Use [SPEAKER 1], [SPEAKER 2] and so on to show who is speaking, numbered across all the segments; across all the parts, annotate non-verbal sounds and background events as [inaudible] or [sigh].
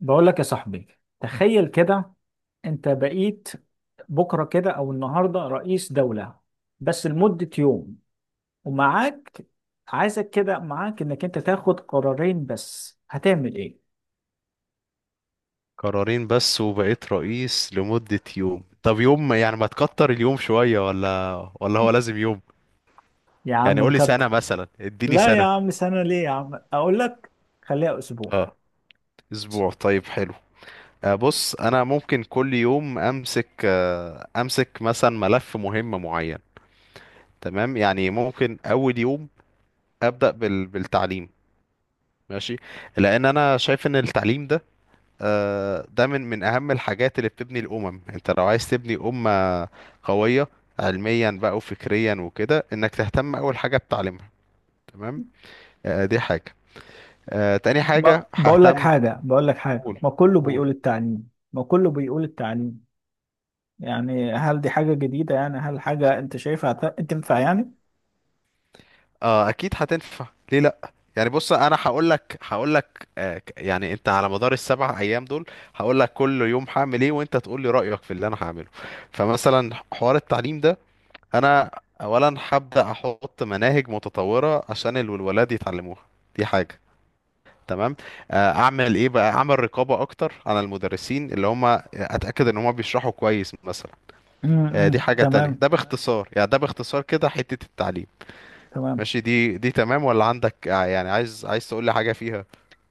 [SPEAKER 1] بقول لك يا صاحبي، تخيل كده. انت بقيت بكره كده او النهارده رئيس دولة بس لمدة يوم. ومعاك، عايزك كده، معاك انك انت تاخد قرارين بس. هتعمل ايه؟
[SPEAKER 2] قرارين بس وبقيت رئيس لمدة يوم. طب يوم يعني، ما تكتر اليوم شوية، ولا هو لازم يوم؟
[SPEAKER 1] يا
[SPEAKER 2] يعني
[SPEAKER 1] عم
[SPEAKER 2] قولي سنة
[SPEAKER 1] نكتر.
[SPEAKER 2] مثلا، اديني
[SPEAKER 1] لا يا
[SPEAKER 2] سنة.
[SPEAKER 1] عم، سنة ليه يا عم؟ اقول لك، خليها اسبوع.
[SPEAKER 2] اه اسبوع، طيب حلو. بص انا ممكن كل يوم امسك، امسك مثلا ملف مهم معين. تمام، يعني ممكن اول يوم ابدا بالتعليم. ماشي. لان انا شايف ان التعليم ده، ده من اهم الحاجات اللي بتبني الامم. انت لو عايز تبني امه قويه علميا بقى وفكريا وكده، انك تهتم اول حاجه بتعليمها. تمام. دي حاجه. تاني
[SPEAKER 1] ما
[SPEAKER 2] حاجه
[SPEAKER 1] بقول لك
[SPEAKER 2] ههتم.
[SPEAKER 1] حاجة بقول لك حاجة
[SPEAKER 2] قول
[SPEAKER 1] ما كله
[SPEAKER 2] قول.
[SPEAKER 1] بيقول التعليم ما كله بيقول التعليم يعني هل دي حاجة جديدة؟ يعني هل حاجة انت شايفها تنفع يعني؟
[SPEAKER 2] اه اكيد هتنفع، ليه لا؟ يعني بص انا هقول لك يعني انت على مدار السبع ايام دول هقول لك كل يوم هعمل ايه، وانت تقول لي رايك في اللي انا هعمله. فمثلا حوار التعليم ده، انا اولا هبدا احط مناهج متطوره عشان الولاد يتعلموها. دي حاجه، تمام. اعمل ايه بقى، اعمل رقابه اكتر على المدرسين اللي هم، اتاكد ان هم بيشرحوا كويس مثلا. دي حاجه تانية.
[SPEAKER 1] تمام.
[SPEAKER 2] ده باختصار يعني، ده باختصار كده حته التعليم.
[SPEAKER 1] تمام.
[SPEAKER 2] ماشي، دي تمام، ولا عندك يعني عايز تقول لي حاجه فيها؟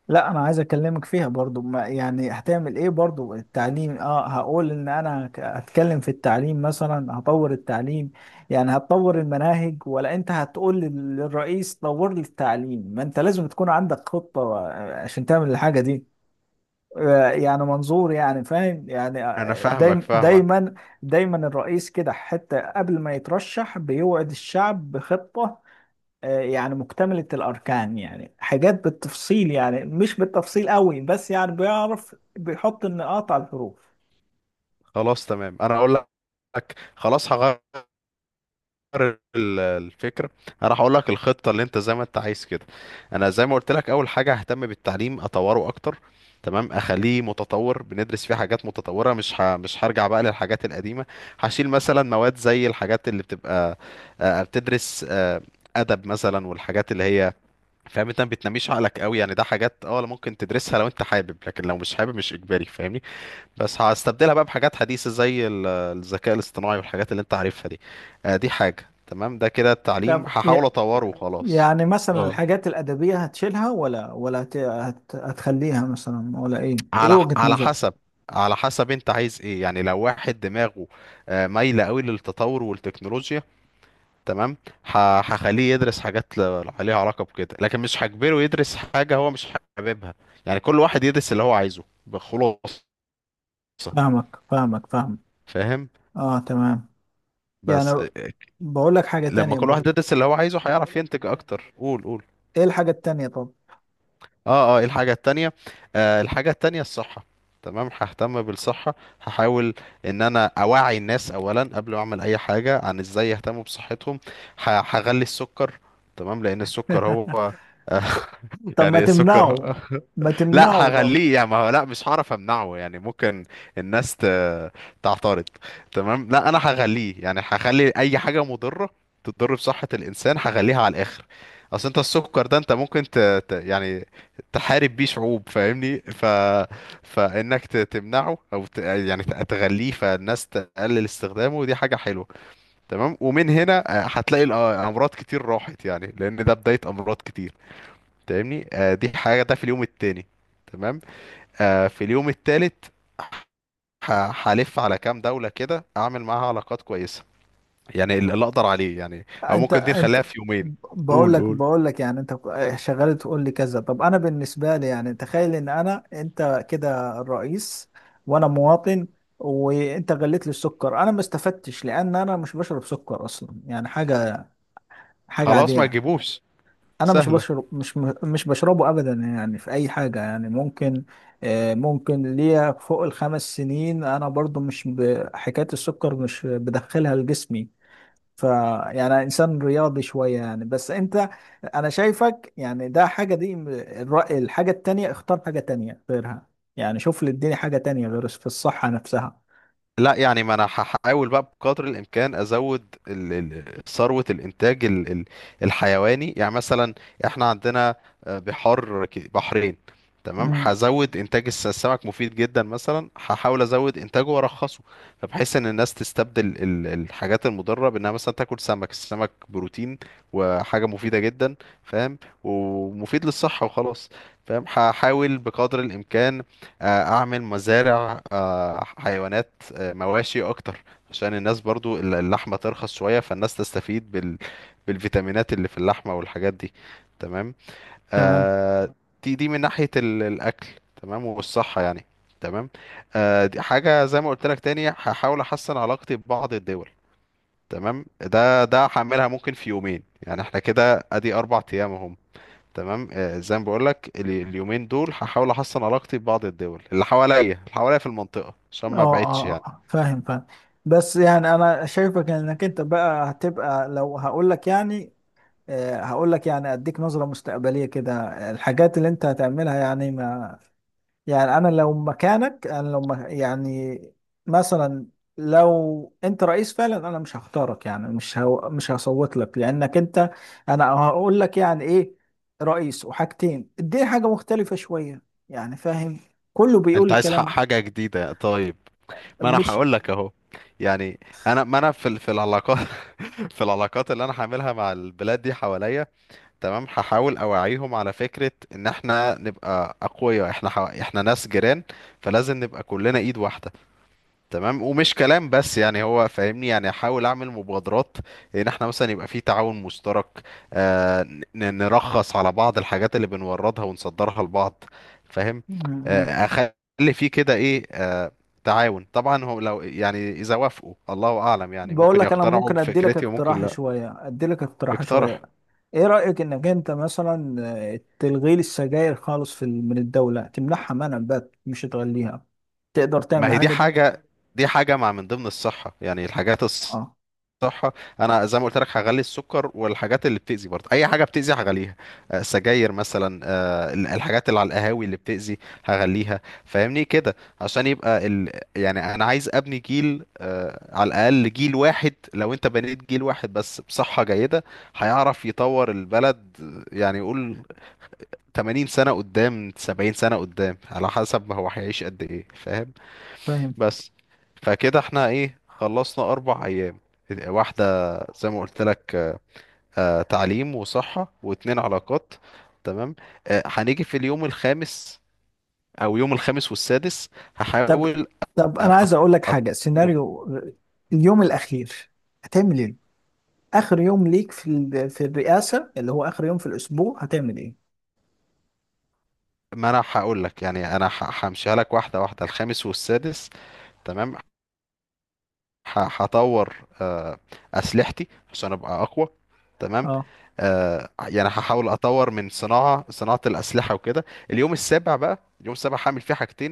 [SPEAKER 1] لا انا عايز اكلمك فيها برضو، ما يعني هتعمل ايه برضو؟ التعليم اه، هقول ان انا هتكلم في التعليم، مثلا هطور التعليم. يعني هتطور المناهج ولا انت هتقول للرئيس طور لي التعليم؟ ما انت لازم تكون عندك خطة عشان تعمل الحاجة دي. يعني منظور، يعني فاهم يعني.
[SPEAKER 2] انا فاهمك
[SPEAKER 1] دايم
[SPEAKER 2] فاهمك
[SPEAKER 1] دايما دايما الرئيس كده حتى قبل ما يترشح بيوعد الشعب بخطة. يعني مكتملة الأركان، يعني حاجات بالتفصيل، يعني مش بالتفصيل قوي بس يعني بيعرف بيحط النقاط على الحروف.
[SPEAKER 2] خلاص تمام، انا اقول لك. خلاص هغير ال- الفكره. انا راح اقول لك الخطه اللي انت زي ما انت عايز كده. انا زي ما قلت لك، اول حاجه ههتم بالتعليم، اطوره اكتر. تمام، اخليه متطور، بندرس فيه حاجات متطوره، مش هرجع بقى للحاجات القديمه. هشيل مثلا مواد زي الحاجات اللي بتبقى بتدرس، ادب مثلا، والحاجات اللي هي، فاهم، انت ما بتنميش عقلك قوي يعني. ده حاجات اه ممكن تدرسها لو انت حابب، لكن لو مش حابب مش اجباري، فاهمني. بس هستبدلها بقى بحاجات حديثة زي الذكاء الاصطناعي، والحاجات اللي انت عارفها دي. دي حاجة، تمام. ده كده التعليم
[SPEAKER 1] طب
[SPEAKER 2] هحاول اطوره وخلاص.
[SPEAKER 1] يعني مثلا
[SPEAKER 2] اه،
[SPEAKER 1] الحاجات الأدبية هتشيلها ولا هتخليها مثلا، ولا إيه؟ إيه
[SPEAKER 2] على
[SPEAKER 1] وجهة
[SPEAKER 2] على
[SPEAKER 1] نظرك؟
[SPEAKER 2] حسب، على حسب انت عايز ايه. يعني لو واحد دماغه مايلة قوي للتطور والتكنولوجيا، تمام، هخليه يدرس حاجات عليها علاقة بكده. لكن مش هجبره يدرس حاجة هو مش حاببها. يعني كل واحد يدرس اللي هو عايزه بخلاصة،
[SPEAKER 1] فاهمك فاهمك فاهمك.
[SPEAKER 2] فاهم.
[SPEAKER 1] آه تمام. يعني
[SPEAKER 2] بس
[SPEAKER 1] بقول لك حاجة
[SPEAKER 2] لما
[SPEAKER 1] تانية
[SPEAKER 2] كل واحد
[SPEAKER 1] برضه.
[SPEAKER 2] يدرس اللي هو عايزه هيعرف ينتج اكتر. قول قول.
[SPEAKER 1] إيه الحاجة التانية طب؟
[SPEAKER 2] اه اه، إيه الحاجة التانية؟ آه الحاجة التانية الصحة. تمام، ههتم بالصحة. هحاول ان انا اوعي الناس اولا، قبل ما اعمل اي حاجة، عن ازاي يهتموا بصحتهم. هغلي السكر، تمام، لان السكر
[SPEAKER 1] [laughs]
[SPEAKER 2] هو [laughs]
[SPEAKER 1] طب ما
[SPEAKER 2] يعني السكر
[SPEAKER 1] تمنعه. ما
[SPEAKER 2] [laughs] لا
[SPEAKER 1] تمنعه طب.
[SPEAKER 2] هغليه، يعني ما هو لا مش هعرف امنعه، يعني ممكن الناس تعترض. تمام، لا انا هغليه، يعني هخلي اي حاجه مضره تضر بصحه الانسان هغليها على الاخر. اصل انت السكر ده انت ممكن يعني تحارب بيه شعوب، فاهمني. فانك تمنعه، او يعني تغليه فالناس تقلل استخدامه، دي حاجه حلوه. تمام، ومن هنا هتلاقي الامراض كتير راحت، يعني لان ده بدايه امراض كتير، فاهمني. دي حاجه، ده في اليوم التاني. تمام. في اليوم الثالث، هلف على كام دولة كده اعمل معاها علاقات كويسة، يعني اللي اقدر عليه، يعني او
[SPEAKER 1] انت
[SPEAKER 2] ممكن دي
[SPEAKER 1] انت
[SPEAKER 2] نخليها في يومين.
[SPEAKER 1] بقول
[SPEAKER 2] قول
[SPEAKER 1] لك
[SPEAKER 2] قول.
[SPEAKER 1] بقول لك يعني انت شغال تقول لي كذا. طب انا بالنسبه لي، يعني تخيل ان انا انت كده الرئيس وانا مواطن، وانت غليت لي السكر، انا ما استفدتش لان انا مش بشرب سكر اصلا. يعني حاجه
[SPEAKER 2] خلاص ما
[SPEAKER 1] عاديه.
[SPEAKER 2] تجيبوش،
[SPEAKER 1] انا مش
[SPEAKER 2] سهلة.
[SPEAKER 1] بشرب مش مش بشربه ابدا يعني في اي حاجه، يعني ممكن ممكن ليا فوق الخمس سنين. انا برضو مش ب- حكايه السكر مش بدخلها لجسمي. ف يعني انسان رياضي شويه يعني. بس انت، انا شايفك يعني ده حاجه، دي الحاجه التانية اختار حاجه تانية غيرها. يعني شوف لي، اديني حاجه تانية غير في الصحه نفسها.
[SPEAKER 2] لا يعني ما انا هحاول بقى بقدر الامكان ازود ثروة الانتاج الحيواني. يعني مثلا احنا عندنا بحار، بحرين. تمام،
[SPEAKER 1] امم
[SPEAKER 2] هزود انتاج السمك، مفيد جدا مثلا، هحاول ازود انتاجه وارخصه. فبحيث ان الناس تستبدل الحاجات المضرة بانها مثلا تاكل سمك. السمك بروتين وحاجة مفيدة جدا، فاهم، ومفيد للصحة وخلاص. فاهم، هحاول بقدر الامكان اعمل مزارع حيوانات، مواشي اكتر، عشان الناس برضو اللحمة ترخص شوية، فالناس تستفيد بالفيتامينات اللي في اللحمة والحاجات دي. تمام.
[SPEAKER 1] تمام.
[SPEAKER 2] آه دي من ناحية الاكل، تمام، والصحة يعني. تمام. آه دي حاجة، زي ما قلت لك تاني هحاول احسن علاقتي ببعض الدول. تمام، ده هعملها ممكن في يومين، يعني احنا كده ادي اربع ايام اهم. تمام، آه زي ما بقول لك، اليومين دول هحاول احسن علاقتي ببعض الدول اللي حواليا، اللي حواليا في المنطقة، عشان
[SPEAKER 1] اه اه،
[SPEAKER 2] ما ابعدش
[SPEAKER 1] آه،
[SPEAKER 2] يعني.
[SPEAKER 1] آه. فاهم فاهم. بس يعني انا شايفك انك انت بقى هتبقى لو هقول لك يعني، هقول لك، يعني اديك نظره مستقبليه كده الحاجات اللي انت هتعملها. يعني، ما يعني انا لو مكانك، انا يعني مثلا لو انت رئيس فعلا انا مش هختارك. يعني مش هصوت لك لانك انت. انا هقول لك يعني ايه؟ رئيس وحاجتين، اديني حاجة مختلفة شوية يعني، فاهم؟ كله بيقول
[SPEAKER 2] انت عايز حق
[SPEAKER 1] الكلام
[SPEAKER 2] حاجة جديدة؟ طيب،
[SPEAKER 1] ده،
[SPEAKER 2] ما انا
[SPEAKER 1] مش
[SPEAKER 2] هقول لك اهو. يعني انا، ما انا في في العلاقات [laughs] في العلاقات اللي انا هعملها مع البلاد دي حواليا، تمام، هحاول اوعيهم على فكرة ان احنا نبقى اقوياء. احنا احنا ناس جيران، فلازم نبقى كلنا ايد واحدة. تمام، ومش كلام بس، يعني هو فاهمني، يعني احاول اعمل مبادرات ان احنا مثلا يبقى في تعاون مشترك. آه نرخص على بعض الحاجات اللي بنوردها ونصدرها لبعض، فاهم. آه
[SPEAKER 1] [laughs]
[SPEAKER 2] اخلي في كده ايه، آه تعاون. طبعا هو لو، يعني اذا وافقوا الله اعلم، يعني
[SPEAKER 1] بقول
[SPEAKER 2] ممكن
[SPEAKER 1] لك، انا
[SPEAKER 2] يقتنعوا
[SPEAKER 1] ممكن ادي لك
[SPEAKER 2] بفكرتي وممكن
[SPEAKER 1] اقتراح
[SPEAKER 2] لا.
[SPEAKER 1] شويه ادي لك اقتراح شويه
[SPEAKER 2] اقترح.
[SPEAKER 1] ايه رايك انك انت مثلا تلغي لي السجاير خالص في من الدوله، تمنعها منع بقى مش تغليها؟ تقدر تعمل
[SPEAKER 2] ما هي دي
[SPEAKER 1] الحاجه دي؟
[SPEAKER 2] حاجة، دي حاجة مع من ضمن الصحة يعني، الحاجات،
[SPEAKER 1] اه،
[SPEAKER 2] صح. انا زي ما قلت لك هغلي السكر، والحاجات اللي بتأذي برضه اي حاجه بتأذي هغليها. سجاير مثلا، الحاجات اللي على القهاوي اللي بتأذي هغليها، فاهمني كده. عشان يبقى يعني انا عايز ابني جيل على الاقل جيل واحد. لو انت بنيت جيل واحد بس بصحه جيده، هيعرف يطور البلد يعني، يقول 80 سنه قدام، 70 سنه قدام، على حسب ما هو هيعيش قد ايه، فاهم.
[SPEAKER 1] فاهم.
[SPEAKER 2] بس. فكده احنا ايه، خلصنا اربع ايام، واحدة زي ما قلت لك تعليم وصحة، واتنين علاقات، تمام. هنيجي في اليوم الخامس، او يوم الخامس والسادس
[SPEAKER 1] طب
[SPEAKER 2] هحاول
[SPEAKER 1] طب
[SPEAKER 2] آه،
[SPEAKER 1] انا عايز اقول لك
[SPEAKER 2] أط-
[SPEAKER 1] حاجه
[SPEAKER 2] أط-
[SPEAKER 1] سيناريو، اليوم الاخير هتعمل ايه؟ اخر يوم ليك في في الرئاسه، اللي هو اخر يوم في الاسبوع، هتعمل ايه؟
[SPEAKER 2] ما انا هقول لك يعني، انا همشيها لك واحدة واحدة. الخامس والسادس تمام، هطور آه، اسلحتي عشان ابقى اقوى. تمام.
[SPEAKER 1] اه
[SPEAKER 2] يعني هحاول اطور من صناعه الاسلحه وكده. اليوم السابع بقى، اليوم السابع هعمل فيه حاجتين.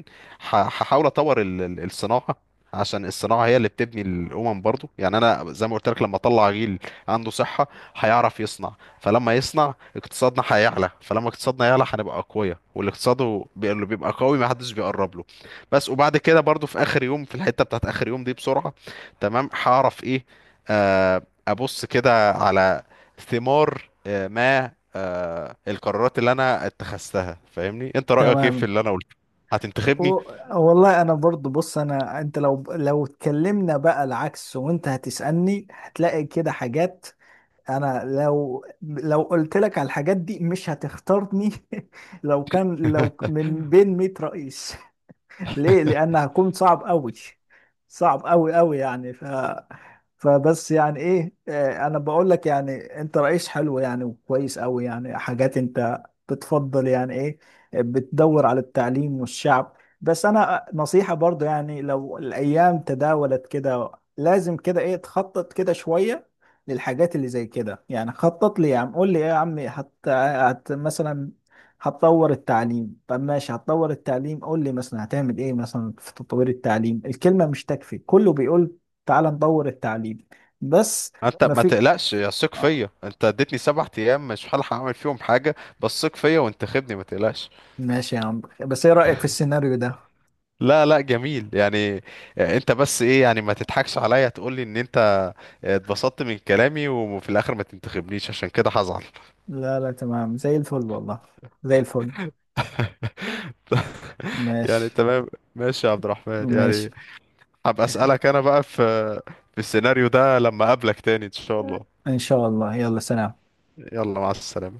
[SPEAKER 2] هحاول اطور الصناعه، عشان الصناعه هي اللي بتبني الامم برضو. يعني انا زي ما قلت لك، لما اطلع جيل عنده صحه هيعرف يصنع، فلما يصنع اقتصادنا هيعلى، فلما اقتصادنا يعلى هنبقى اقوياء. والاقتصاد اللي بيبقى قوي ما حدش بيقرب له. بس. وبعد كده برضو في اخر يوم، في الحته بتاعت اخر يوم دي، بسرعه تمام، هعرف ايه، آه، ابص كده على ثمار آه، ما آه، القرارات اللي انا اتخذتها، فاهمني. انت رأيك ايه في
[SPEAKER 1] تمام.
[SPEAKER 2] اللي انا قلته؟ هتنتخبني؟
[SPEAKER 1] و- والله انا برضو بص، انا انت لو اتكلمنا بقى العكس وانت هتسألني، هتلاقي كده حاجات. انا لو قلت لك على الحاجات دي مش هتختارني. [laughs] لو
[SPEAKER 2] [laughs]
[SPEAKER 1] من بين 100 رئيس. [laughs] ليه؟ لان هكون صعب قوي، صعب قوي قوي يعني. فبس يعني ايه، انا بقول لك يعني انت رئيس حلو يعني، وكويس قوي يعني. حاجات انت بتفضل يعني ايه؟ بتدور على التعليم والشعب بس. انا نصيحة برضو، يعني لو الايام تداولت كده لازم كده ايه، تخطط كده شوية للحاجات اللي زي كده يعني. خطط لي يا عم، قول لي ايه يا عمي. حتى مثلا هتطور التعليم؟ طب ماشي هتطور التعليم، قول لي مثلا هتعمل ايه مثلا في تطوير التعليم. الكلمة مش تكفي، كله بيقول تعال نطور التعليم بس.
[SPEAKER 2] ما انت
[SPEAKER 1] ما
[SPEAKER 2] ما
[SPEAKER 1] في
[SPEAKER 2] تقلقش، يا ثق
[SPEAKER 1] آه،
[SPEAKER 2] فيا. انت اديتني سبع ايام، مش هلحق اعمل فيهم حاجه، بس ثق فيا وانتخبني ما تقلقش.
[SPEAKER 1] ماشي يا عم. بس ايه رأيك في السيناريو ده؟
[SPEAKER 2] لا لا جميل يعني. انت بس ايه يعني، ما تضحكش عليا تقول لي ان انت اتبسطت من كلامي، وفي الاخر ما تنتخبنيش، عشان كده هزعل.
[SPEAKER 1] لا لا تمام، زي الفل والله، زي الفل.
[SPEAKER 2] [laughs] يعني
[SPEAKER 1] ماشي.
[SPEAKER 2] تمام. ماشي يا عبد الرحمن
[SPEAKER 1] ماشي
[SPEAKER 2] يعني، هبقى اسالك انا بقى في، في السيناريو ده لما اقابلك تاني ان شاء الله.
[SPEAKER 1] ان شاء الله. يلا، سلام.
[SPEAKER 2] يلا مع السلامة